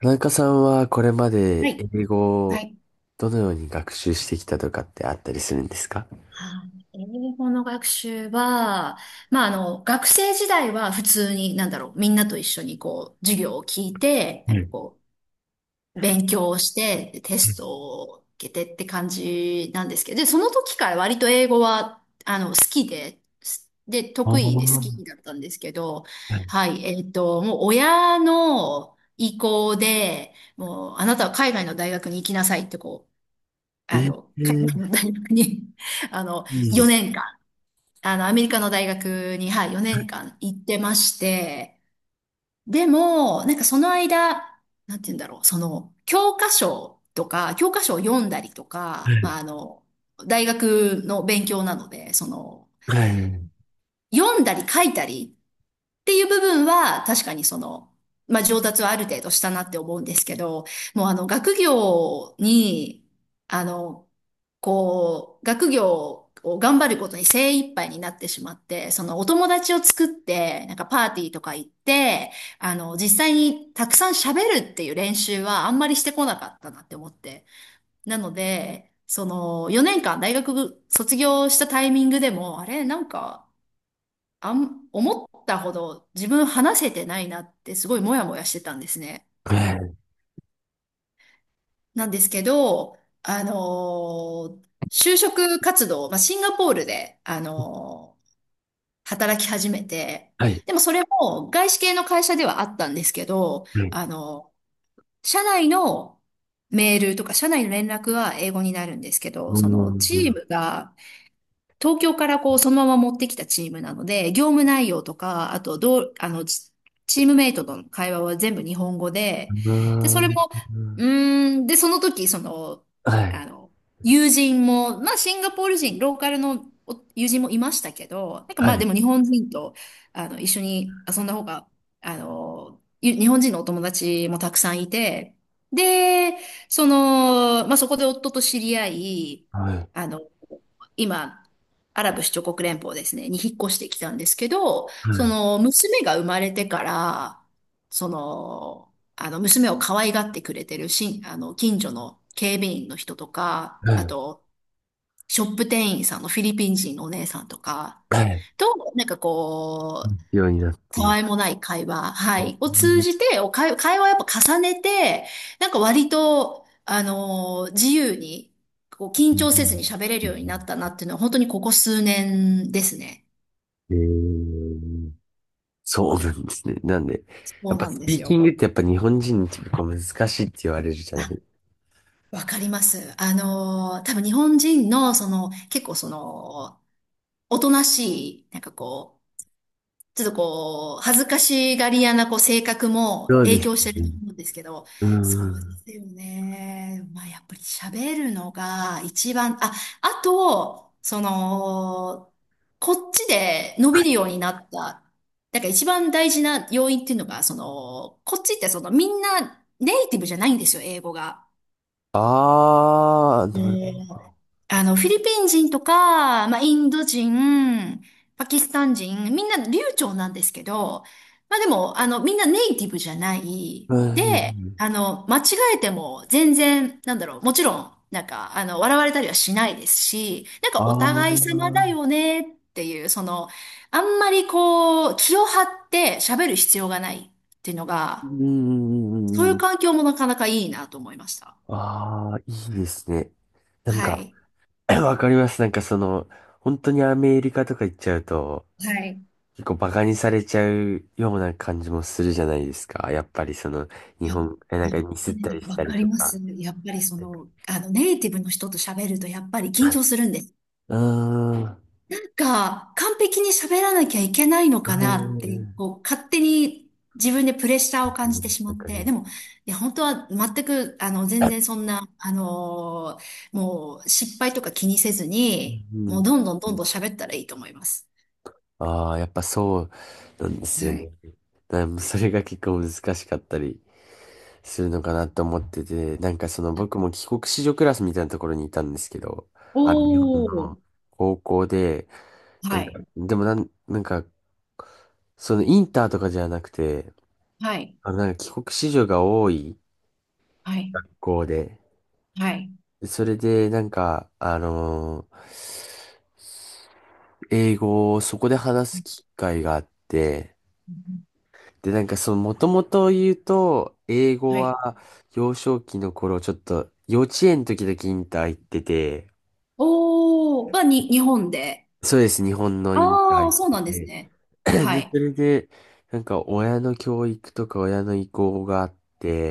田中さんはこれまはでい。英語はをい。どのように学習してきたとかってあったりするんですか？はい、英語の学習は、まあ、学生時代は普通に、なんだろう、みんなと一緒にこう、授業を聞いて、はなんかい。こう、勉強をして、テストを受けてって感じなんですけど、で、その時から割と英語は、好きで、で、ああ、得意で好はきだったんですけど、はい、もう親の意向で、もう、あなたは海外の大学に行きなさいってこう、い。海外のー、大学に あの、いい。4年間、アメリカの大学に、はい、4年間行ってまして、でも、なんかその間、なんて言うんだろう、その、教科書とか、教科書を読んだりとか、まあ、大学の勉強なので、その、はい、はい、読んだり書いたりっていう部分は、確かにその、まあ、上達はある程度したなって思うんですけど、もう学業に、あの、こう、学業を頑張ることに精一杯になってしまって、そのお友達を作って、なんかパーティーとか行って、実際にたくさん喋るっていう練習はあんまりしてこなかったなって思って。なので、その、4年間大学卒業したタイミングでも、あれ、なんか、思ったほど自分話せてないなってすごいモヤモヤしてたんですね。はい、なんですけど、あの就職活動、まあ、シンガポールで、働き始めて、はい。はい。でもそれも外資系の会社ではあったんですけど、うあの社内のメールとか社内の連絡は英語になるんですけど、そのチん、ームが東京からこう、そのまま持ってきたチームなので、業務内容とか、あと、どう、チームメイトとの会話は全部日本語で、うで、それも、ん、うーん、で、その時、その、はあい、の、友人も、まあ、シンガポール人、ローカルのお友人もいましたけど、なんかはまあ、でい、も日本人と、一緒に遊んだ方が、日本人のお友達もたくさんいて、で、その、まあ、そこで夫と知り合い、はい、はい、あの、今、アラブ首長国連邦ですね、に引っ越してきたんですけど、その、娘が生まれてから、その、娘を可愛がってくれてるし、近所の警備員の人とか、はあい、と、ショップ店員さんのフィリピン人のお姉さんとか、はい。と、なんかこようになったて。わいもない会話、はい、を通じうて、会話をやっぱ重ねて、なんか割と、自由に、こう、緊張せずにん。喋れるようになったなっていうのは、本当にここ数年ですね。えー、そうなんですね。なんで、そやっうぱなんスでピすーキよ。ングってやっぱ日本人に結構難しいって言われるじゃない？あ、わかります。多分日本人の、その、結構その、おとなしい、なんかこう、ちょっとこう、恥ずかしがり屋なこう性格そもうで影す響してるとね。思うんですけど、うそうでん。すよね。まあやっぱり喋るのが一番、あ、あと、その、こっちで伸びるようになった、なんか一番大事な要因っていうのが、その、こっちってそのみんなネイティブじゃないんですよ、英語が。ああ、うなるん。フィリピン人とか、まあ、インド人、パキスタン人、みんな流暢なんですけど、まあ、でも、みんなネイティブじゃない。ほで、ど。間違えても全然、なんだろう、もちろん、なんか、笑われたりはしないですし、なんあかおあ、互い様うだんよねっていう、その、あんまりこう、気を張って喋る必要がないっていうのうが、そういんうんううん。環境もなかなかいいなと思いました。ああ、いいですね。なんはか、い。わかります。なんかその、本当にアメリカとか行っちゃうと、はい。結構バカにされちゃうような感じもするじゃないですか。やっぱりその、い日や本、なんね、かミスえっえ、たりしわたかりりとまか。す。やっぱりそなんか、の、ネイティブの人と喋るとやっぱり緊張するんです。うーん。なんか、完璧に喋らなきゃいけないのかはい。なって、こう、勝手に自分でプレッシャーを感じてしまわっかて、りでも、いや、本当は全く、全ま然す。そんな、もう、失敗とか気にせずうに、もう、ん。どんどんどんどん喋ったらいいと思います。ああ、やっぱそうなんではすよね。い。だからもうそれが結構難しかったりするのかなと思ってて、なんかその僕も帰国子女クラスみたいなところにいたんですけど、あの日本おー。の高校で、なはんか、い。でもなんか、そのインターとかじゃなくて、はい。なんか帰国子女が多いはい。学校で、はい。それでなんか、英語をそこで話す機会があって、うん。で、なんかその、もともと言うと、英語はい。は幼少期の頃、ちょっと幼稚園の時だけインター行ってて、おー、日本で。そうです、日本のインターあ行あ、そっうてなんですね。て、はで、そい。れで、なんか親の教育とか親の意向があっ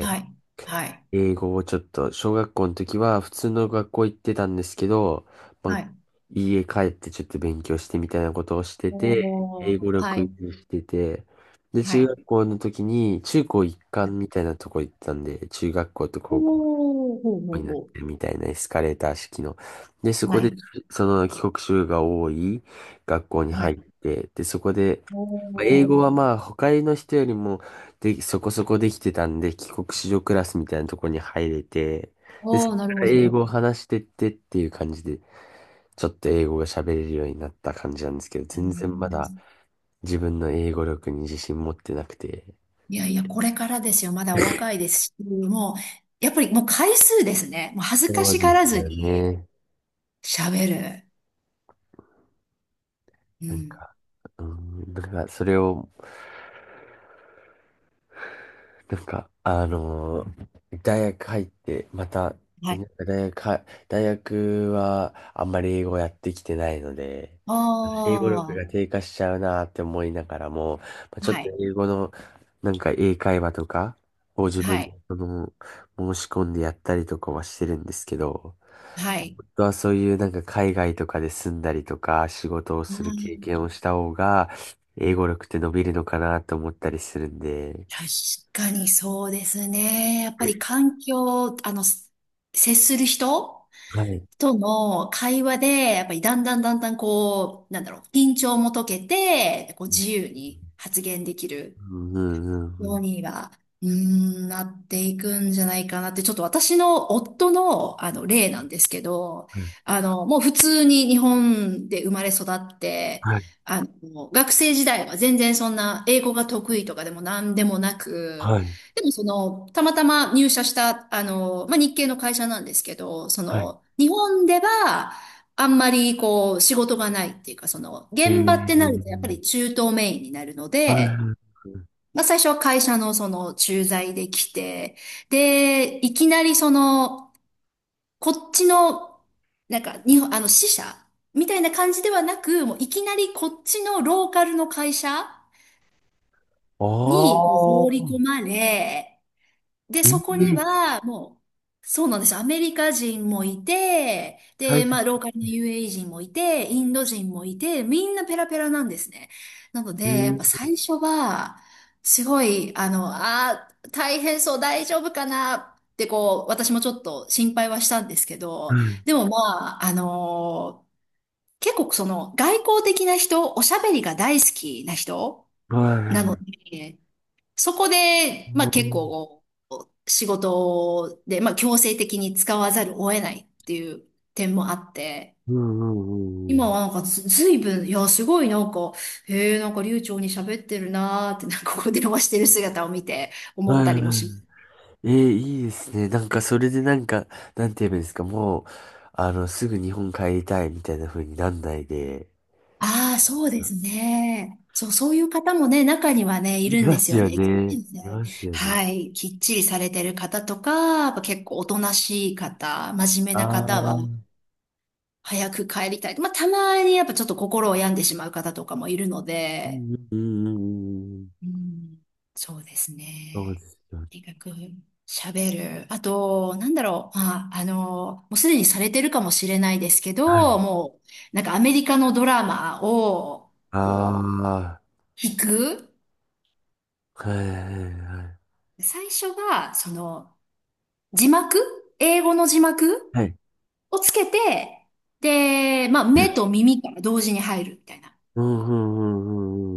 はい。はい。英語をちょっと、小学校の時は普通の学校行ってたんですけど、まはあ、い。家帰ってちょっと勉強してみたいなことをしてて、お英ー、語は力い。維持してて、で、は中い。学校の時に中高一貫みたいなとこ行ったんで、中学校とお高校ー、ほうほにうなっほてるみたいなエスカレーター式の。で、そう。こはで、い。その帰国子女が多い学校には入い。って、で、そこで、おまあ英語ー、はまあ、他の人よりも、で、そこそこできてたんで、帰国子女クラスみたいなところに入れて、で、そおこー、なるかほら英ど。語を話してってっていう感じで、ちょっと英語が喋れるようになった感じなんですけど、全然まだ自分の英語力に自信持ってなくて。いやいや、これからですよ。まだお若いですし、もう、やっぱりもう回数ですね。もう恥ずかそしうがでらすずよにね。喋る。うなんん。か、うん、だからそれを、なんか、大学入って、また、はでい。なんか大学はあんまり英語やってきてないので、あ英語力あ、が低下しちゃうなって思いながらも、まあ、ちょっはとい。英語の、なんか英会話とかを自は分でい。申し込んでやったりとかはしてるんですけど、はい。本当はそういうなんか海外とかで住んだりとか仕事をする経験をした方が英語力って伸びるのかなと思ったりするんで、確かにそうですね。やっぱり環境、接する人はい。との会話で、やっぱりだんだんだんだんこう、なんだろう、緊張も解けて、こううん自由に発言できるうんうよんうには、うーん、なっていくんじゃないかなって、ちょっと私の夫の、例なんですけど、うん。もう普通に日本で生まれ育って、はい、学生時代は全然そんな英語が得意とかでも何でもなく、はい、でもその、たまたま入社した、まあ、日系の会社なんですけど、そはい。の、日本では、あんまりこう仕事がないっていうか、その現場ってなるええ、とやっぱり中東メインになるのはで、い。まあ、最初は会社のその駐在で来て、で、いきなりその、こっちの、なんか、日本、支社みたいな感じではなく、もういきなりこっちのローカルの会社あにこう放り込あ、まれ、で、えそえ、こには、もう、そうなんですよ。アメリカ人もいて、大で、切、まあ、ローカルの UAE 人もいて、インド人もいて、みんなペラペラなんですね。なので、やっぱええ、最初は、すごい、あー、大変そう、大丈夫かなって、こう、私もちょっと心配はしたんですけど、でもまあ、結構その、外交的な人、おしゃべりが大好きな人はい、なはのい。で、そこで、まうあ結ん構、仕事で、まあ強制的に使わざるを得ないっていう点もあって、うんうんうん。今はなんかずいぶん、いや、すごいなんか、へえ、なんか流暢に喋ってるなーって、なんかここで電話してる姿を見て思っはたい、りもはします。い、ええ、いいですね。なんか、それでなんか、なんて言えばいいんですか、もう、すぐ日本帰りたいみたいな風になんないで、ああ、そうですね。そう、そういう方もね、中にはね、いいるんまですすよよね。ね。いますよね。はい。きっちりされてる方とか、やっぱ結構おとなしい方、真面目なああ、方うは、ん早く帰りたい。まあ、たまにやっぱちょっと心を病んでしまう方とかもいるのうで、んうんうんうん。うん、そうですそうでね。すよね。とにかく喋る。あと、なんだろう。まあ、もうすでにされてるかもしれないですけど、もう、なんかアメリカのドラマを、こああ、う、聞く。はい、はい、はい。最初は、その、字幕英語の字幕はい。をつけて、で、まあ、目と耳から同時に入るみたいな。うんうんう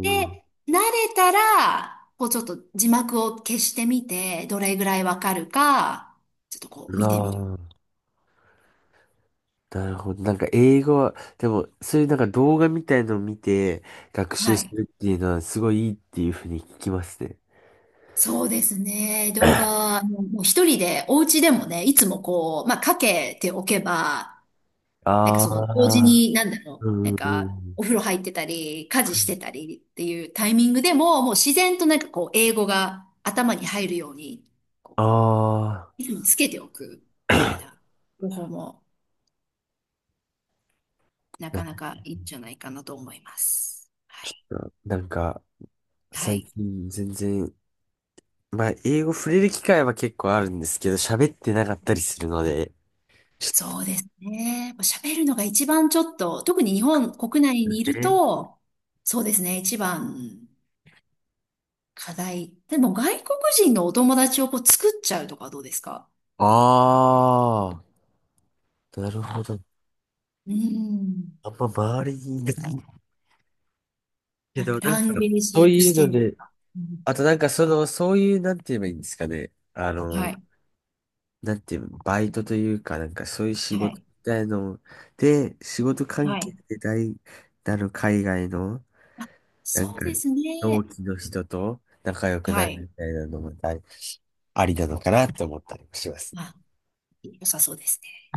で、うんうん。慣れたら、こうちょっと字幕を消してみて、どれぐらいわかるか、ちょっとこあう見てみる。あ、なるほど。なんか英語は、でも、そういうなんか動画みたいのを見て学は習すい。るっていうのはすごいいいっていうふうに聞きますね。そうですね。動 画、もう一人で、お家でもね、いつもこう、まあ、かけておけば、なんかあその、同時あ、に、なんだろう、うなんんうんうか、ん。お風呂入ってたり、家事してたりっていうタイミングでも、もう自然となんかこう、英語が頭に入るように、こああ、う、つけておく、みたいな方法もないかや、なかいいんじゃないかなと思います。はちい。ょっと、なんか、は最い。近全然、まあ、英語触れる機会は結構あるんですけど、喋ってなかったりするので、ちょっそうですね。喋るのが一番ちょっと、特に日本国内とにいるね。と、そうですね、一番課題。でも外国人のお友達をこう作っちゃうとかどうですか？ああ。なるほど。うん。あんま周りにいないけなんど、かなんラか、ンゲージそうエクいスうチェのンジとで、か。うん。あとなんかその、そういう、なんて言えばいいんですかね。はい。なんて言うの、バイトというか、なんかそういう仕は事みい。たいので、仕事関は係い。で海外の、なんそか、うです同ね。期の人と仲良くなはるい。みたいなのもありなのかなって思ったりもします。まあ、良さそうですね。